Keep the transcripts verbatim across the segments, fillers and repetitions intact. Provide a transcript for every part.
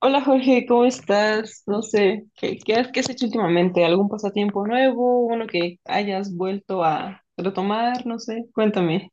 Hola Jorge, ¿cómo estás? No sé, ¿qué, qué has, qué has hecho últimamente? ¿Algún pasatiempo nuevo? ¿Uno que hayas vuelto a retomar? No sé, cuéntame.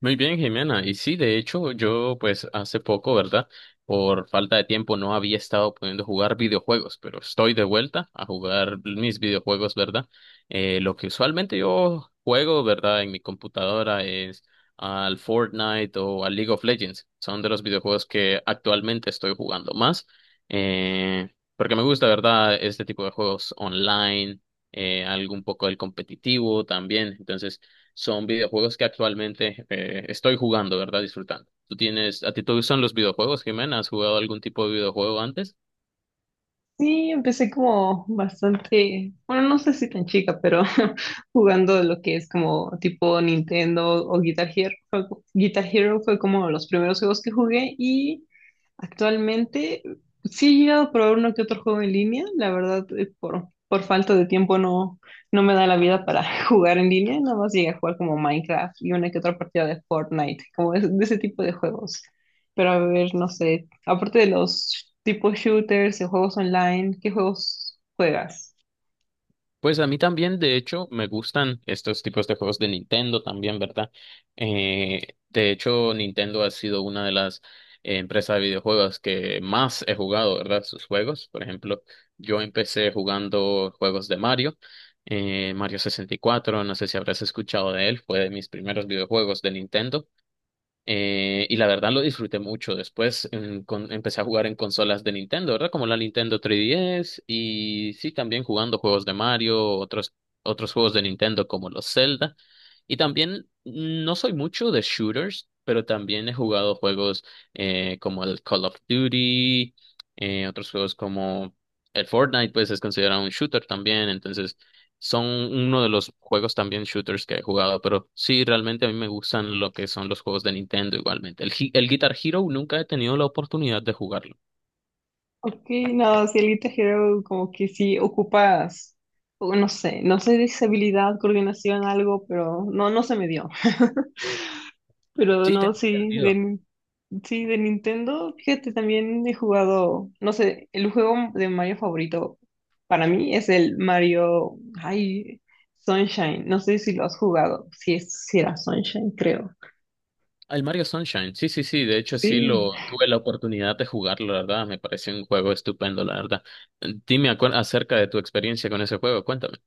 Muy bien, Jimena. Y sí, de hecho, yo pues hace poco, ¿verdad? Por falta de tiempo no había estado pudiendo jugar videojuegos, pero estoy de vuelta a jugar mis videojuegos, ¿verdad? Eh, lo que usualmente yo juego, ¿verdad? En mi computadora es al Fortnite o al League of Legends. Son de los videojuegos que actualmente estoy jugando más, eh, porque me gusta, ¿verdad? Este tipo de juegos online, eh, algo un poco del competitivo también. Entonces son videojuegos que actualmente eh, estoy jugando, ¿verdad? Disfrutando. ¿Tú tienes, a ti te gustan los videojuegos, Jimena? ¿Has jugado algún tipo de videojuego antes? Sí, empecé como bastante, bueno, no sé si tan chica, pero jugando lo que es como tipo Nintendo o Guitar Hero. Fue- Guitar Hero fue como los primeros juegos que jugué y actualmente sí he llegado a probar uno que otro juego en línea, la verdad, eh, por, por falta de tiempo no, no me da la vida para jugar en línea, nada más llegué a jugar como Minecraft y una que otra partida de Fortnite, como de, de ese tipo de juegos. Pero a ver, no sé, aparte de los tipos shooters y juegos online, ¿qué juegos juegas? Pues a mí también, de hecho, me gustan estos tipos de juegos de Nintendo también, ¿verdad? Eh, de hecho, Nintendo ha sido una de las eh, empresas de videojuegos que más he jugado, ¿verdad? Sus juegos. Por ejemplo, yo empecé jugando juegos de Mario, eh, Mario sesenta y cuatro, no sé si habrás escuchado de él, fue de mis primeros videojuegos de Nintendo. Eh, y la verdad lo disfruté mucho. Después en con- empecé a jugar en consolas de Nintendo, ¿verdad? Como la Nintendo tres D S y sí, también jugando juegos de Mario, otros, otros juegos de Nintendo como los Zelda. Y también no soy mucho de shooters, pero también he jugado juegos eh, como el Call of Duty, eh, otros juegos como el Fortnite, pues es considerado un shooter también. Entonces son uno de los juegos también shooters que he jugado, pero sí, realmente a mí me gustan lo que son los juegos de Nintendo igualmente. El, Hi- el Guitar Hero nunca he tenido la oportunidad de jugarlo. Ok, no, si Elite Hero como que sí ocupas, o no sé, no sé, de habilidad, coordinación, algo, pero no, no se me dio. Pero Sí, no, tengo sí, entendido. de, sí, de Nintendo, fíjate, también he jugado, no sé, el juego de Mario favorito para mí es el Mario, ay, Sunshine, no sé si lo has jugado, si es, si era Sunshine, creo. El Mario Sunshine, sí, sí, sí, de hecho sí Sí, lo tuve la oportunidad de jugarlo, la verdad, me pareció un juego estupendo, la verdad. Dime acu- acerca de tu experiencia con ese juego, cuéntame.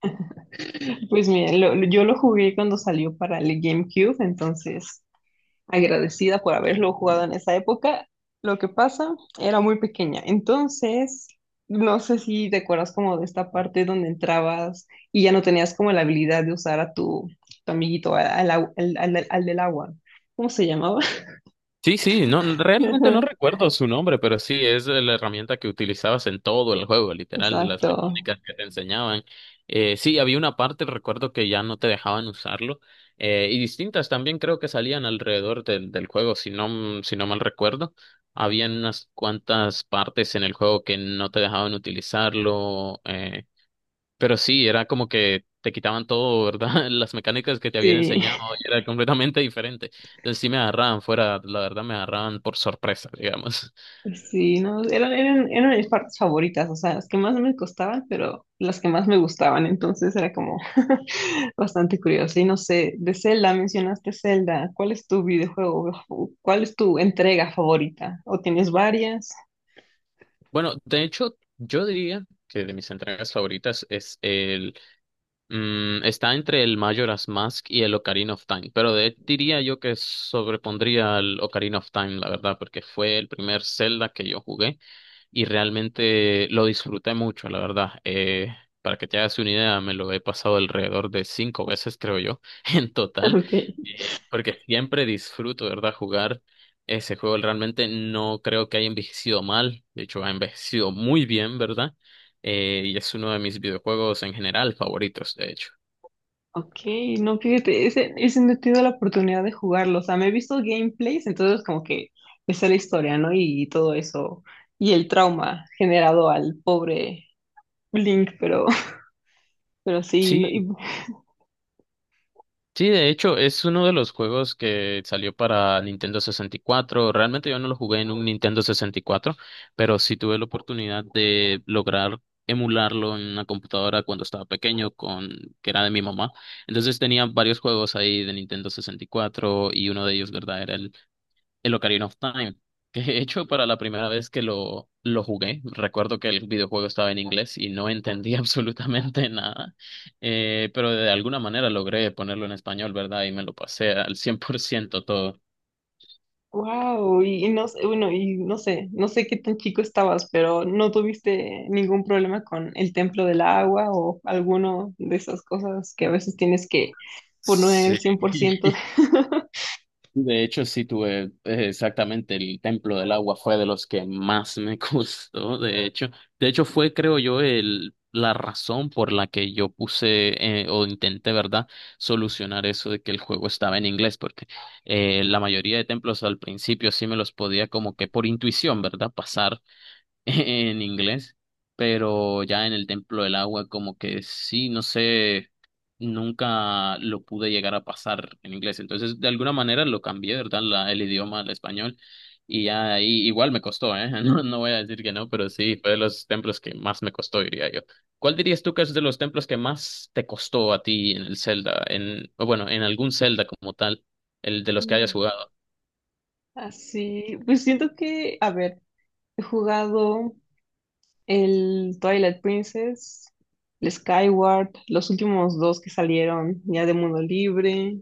pues mira, lo- lo- yo lo jugué cuando salió para el GameCube, entonces agradecida por haberlo jugado en esa época. Lo que pasa, era muy pequeña. Entonces, no sé si te acuerdas como de esta parte donde entrabas y ya no tenías como la habilidad de usar a tu, tu amiguito, al, al, au- al- al- al del agua. ¿Cómo se llamaba? Sí, sí, no, no, realmente no recuerdo su nombre, pero sí, es la herramienta que utilizabas en todo el juego, literal, las Exacto. mecánicas que te enseñaban. Eh, sí, había una parte, recuerdo que ya no te dejaban usarlo, eh, y distintas también creo que salían alrededor del, del juego, si no, mm, si no mal recuerdo. Habían unas cuantas partes en el juego que no te dejaban utilizarlo, eh, pero sí, era como que te quitaban todo, ¿verdad? Las mecánicas que te habían Sí. enseñado era completamente diferente. Entonces sí me agarraban fuera, la verdad me agarraban por sorpresa, digamos. Sí, no, eran, eran, eran mis partes favoritas, o sea, las que más me costaban, pero las que más me gustaban, entonces era como bastante curioso. Y no sé, de Zelda, mencionaste Zelda, ¿cuál es tu videojuego? ¿Cuál es tu entrega favorita? ¿O tienes varias? Bueno, de hecho, yo diría que de mis entregas favoritas es el... mm, está entre el Majora's Mask y el Ocarina of Time, pero de, diría yo que sobrepondría al Ocarina of Time, la verdad, porque fue el primer Zelda que yo jugué y realmente lo disfruté mucho, la verdad. Eh, para que te hagas una idea, me lo he pasado alrededor de cinco veces, creo yo, en total, Okay. eh, porque siempre disfruto, ¿verdad?, jugar ese juego. Realmente no creo que haya envejecido mal, de hecho, ha envejecido muy bien, ¿verdad? Eh, y es uno de mis videojuegos en general favoritos, de hecho. Ok, no, fíjate, ese, ese no he tenido la oportunidad de jugarlo, o sea, me he visto gameplays, entonces como que está la historia, ¿no? Y todo eso, y el trauma generado al pobre Link, pero, pero sí, no, y Sí, sí, de hecho, es uno de los juegos que salió para Nintendo sesenta y cuatro. Realmente yo no lo jugué en un Nintendo sesenta y cuatro, pero sí tuve la oportunidad de lograr emularlo en una computadora cuando estaba pequeño, con que era de mi mamá. Entonces tenía varios juegos ahí de Nintendo sesenta y cuatro y cuatro y uno de ellos, ¿verdad? Era el el Ocarina of Time, que he hecho para la primera vez que lo, lo jugué. Recuerdo que el videojuego estaba en inglés y no entendí absolutamente nada, eh, pero de alguna manera logré ponerlo en español, ¿verdad? Y me lo pasé al cien por ciento todo. wow, y no sé, bueno, y no sé, no sé qué tan chico estabas, pero ¿no tuviste ningún problema con el templo del agua o alguno de esas cosas que a veces tienes que poner Sí. el cien por ciento? De hecho, sí tuve eh, exactamente el Templo del Agua fue de los que más me gustó, de hecho. De hecho, fue, creo yo, el, la razón por la que yo puse eh, o intenté, ¿verdad?, solucionar eso de que el juego estaba en inglés, porque eh, la mayoría de templos al principio sí me los podía como que por intuición, ¿verdad?, pasar en inglés, pero ya en el Templo del Agua como que sí, no sé, nunca lo pude llegar a pasar en inglés, entonces de alguna manera lo cambié, ¿verdad? La, el idioma al español y ya ahí igual me costó, ¿eh? No, no voy a decir que no, pero sí, fue de los templos que más me costó, diría yo. ¿Cuál dirías tú que es de los templos que más te costó a ti en el Zelda, en, o bueno, en algún Zelda como tal, el de los que hayas Ándale. jugado? Así, pues siento que, a ver, he jugado el Twilight Princess, el Skyward, los últimos dos que salieron ya de Mundo Libre,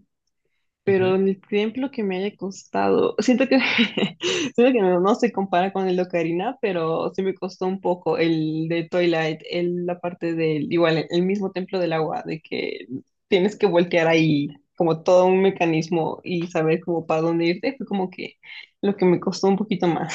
pero el tiempo que me haya costado, siento que, siento que no, no se compara con el de Ocarina, pero sí me costó un poco el de Twilight, el, la parte del, igual, el el mismo templo del agua, de que tienes que voltear ahí como todo un mecanismo y saber como para dónde irte, fue como que lo que me costó un poquito más.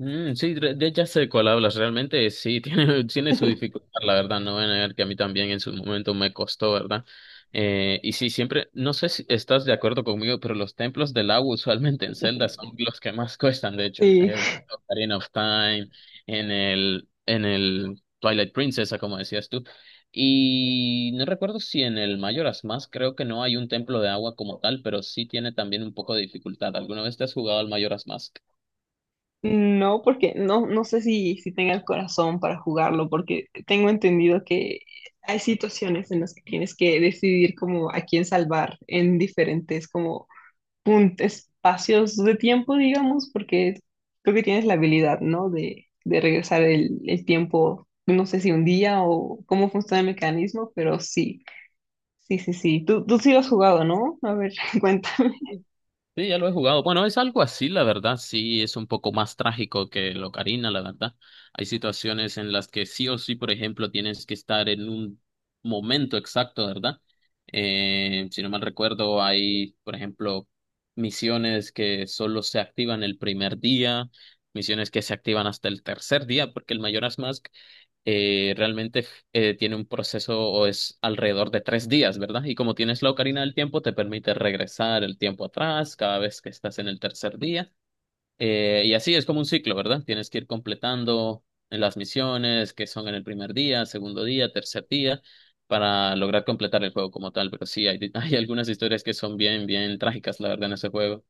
Mm, sí, re- de- ya sé de cuál hablas. Realmente sí, tiene, tiene su dificultad, la verdad. No voy a negar que a mí también en su momento me costó, ¿verdad? Eh, y sí, siempre, no sé si estás de acuerdo conmigo, pero los templos del agua usualmente en Zelda son los que más cuestan, de hecho. El Ocarina of Time, en el, en el Twilight Princess, como decías tú. Y no recuerdo si en el Majora's Mask creo que no hay un templo de agua como tal, pero sí tiene también un poco de dificultad. ¿Alguna vez te has jugado al Majora's Mask? No, porque no, no sé si, si tenga el corazón para jugarlo, porque tengo entendido que hay situaciones en las que tienes que decidir como a quién salvar en diferentes como pun- espacios de tiempo, digamos, porque creo que tienes la habilidad, ¿no? De, de regresar el, el tiempo, no sé si un día o cómo funciona el mecanismo, pero sí, sí, sí, sí. Tú, tú sí lo has jugado, ¿no? A ver, cuenta. Sí, ya lo he jugado. Bueno, es algo así, la verdad. Sí, es un poco más trágico que el Ocarina, la verdad. Hay situaciones en las que sí o sí, por ejemplo, tienes que estar en un momento exacto, ¿verdad? Eh, si no mal recuerdo, hay, por ejemplo, misiones que solo se activan el primer día, misiones que se activan hasta el tercer día, porque el Mayoras Mask eh, realmente eh, tiene un proceso o es alrededor de tres días, ¿verdad? Y como tienes la ocarina del tiempo, te permite regresar el tiempo atrás cada vez que estás en el tercer día. Eh, y así es como un ciclo, ¿verdad? Tienes que ir completando las misiones que son en el primer día, segundo día, tercer día, para lograr completar el juego como tal. Pero sí, hay, hay algunas historias que son bien, bien trágicas, la verdad, en ese juego.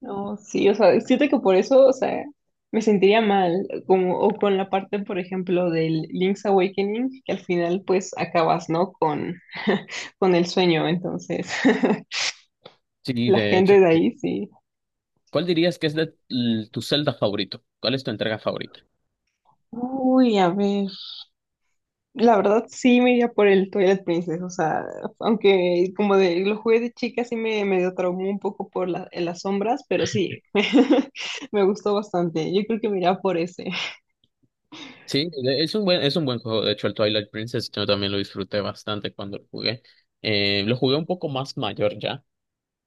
No, sí, o sea, siento que por eso, o sea, me sentiría mal, como, o con la parte, por ejemplo, del Link's Awakening, que al final, pues, acabas, ¿no? Con, con el sueño, entonces, Sí, la de hecho. gente de ahí, sí. ¿Cuál dirías que es de, l- tu Zelda favorito? ¿Cuál es tu entrega favorita? Uy, a ver, la verdad sí me iría por el Twilight Princess, o sea, aunque como de, lo jugué de chica, sí me medio traumó un poco por la- en las sombras, pero sí, me gustó bastante, yo creo que me iría por ese. Sí, de- es un buen, es un buen juego. De hecho, el Twilight Princess yo también lo disfruté bastante cuando lo jugué. Eh, lo jugué un poco más mayor ya.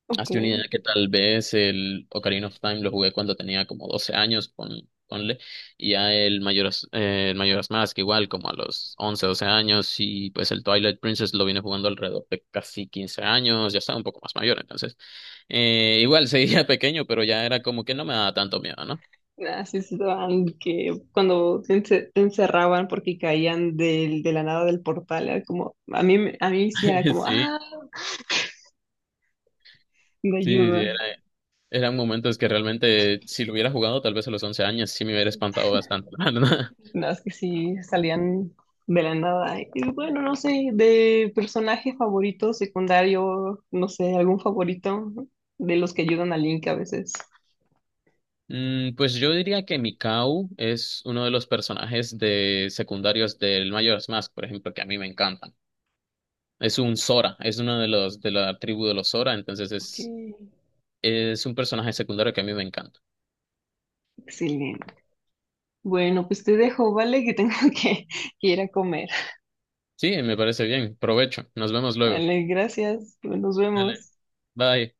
Ok. Hazte una idea que tal vez el Ocarina of Time lo jugué cuando tenía como doce años, pon- ponle. Y ya el Majora's, eh, el Majora's Mask igual como a los once doce años. Y pues el Twilight Princess lo vine jugando alrededor de casi quince años. Ya estaba un poco más mayor, entonces. Eh, igual seguía pequeño, pero ya era como que no me daba tanto miedo, ¿no? Así estaban que cuando te, ence- te encerraban porque caían del, de la nada del portal, era como, a mí, me- a mí sí era como, Sí, ah, me sí, sí, sí, era. ayuda. Eran momentos que realmente, si lo hubiera jugado tal vez a los once años, sí me hubiera espantado bastante, la verdad. No, es que sí salían de la nada. Y bueno, no sé, de personaje favorito, secundario, no sé, algún favorito de los que ayudan a Link a veces. Mm, pues yo diría que Mikau es uno de los personajes de secundarios del Majora's Mask, por ejemplo, que a mí me encantan. Es un Sora, es uno de los de la tribu de los Sora, entonces Ok, es, es un personaje secundario que a mí me encanta. excelente. Bueno, pues te dejo, ¿vale? Que tengo que, que ir a comer. Sí, me parece bien. Provecho. Nos vemos luego. Vale, gracias. Nos Dale. vemos. Bye.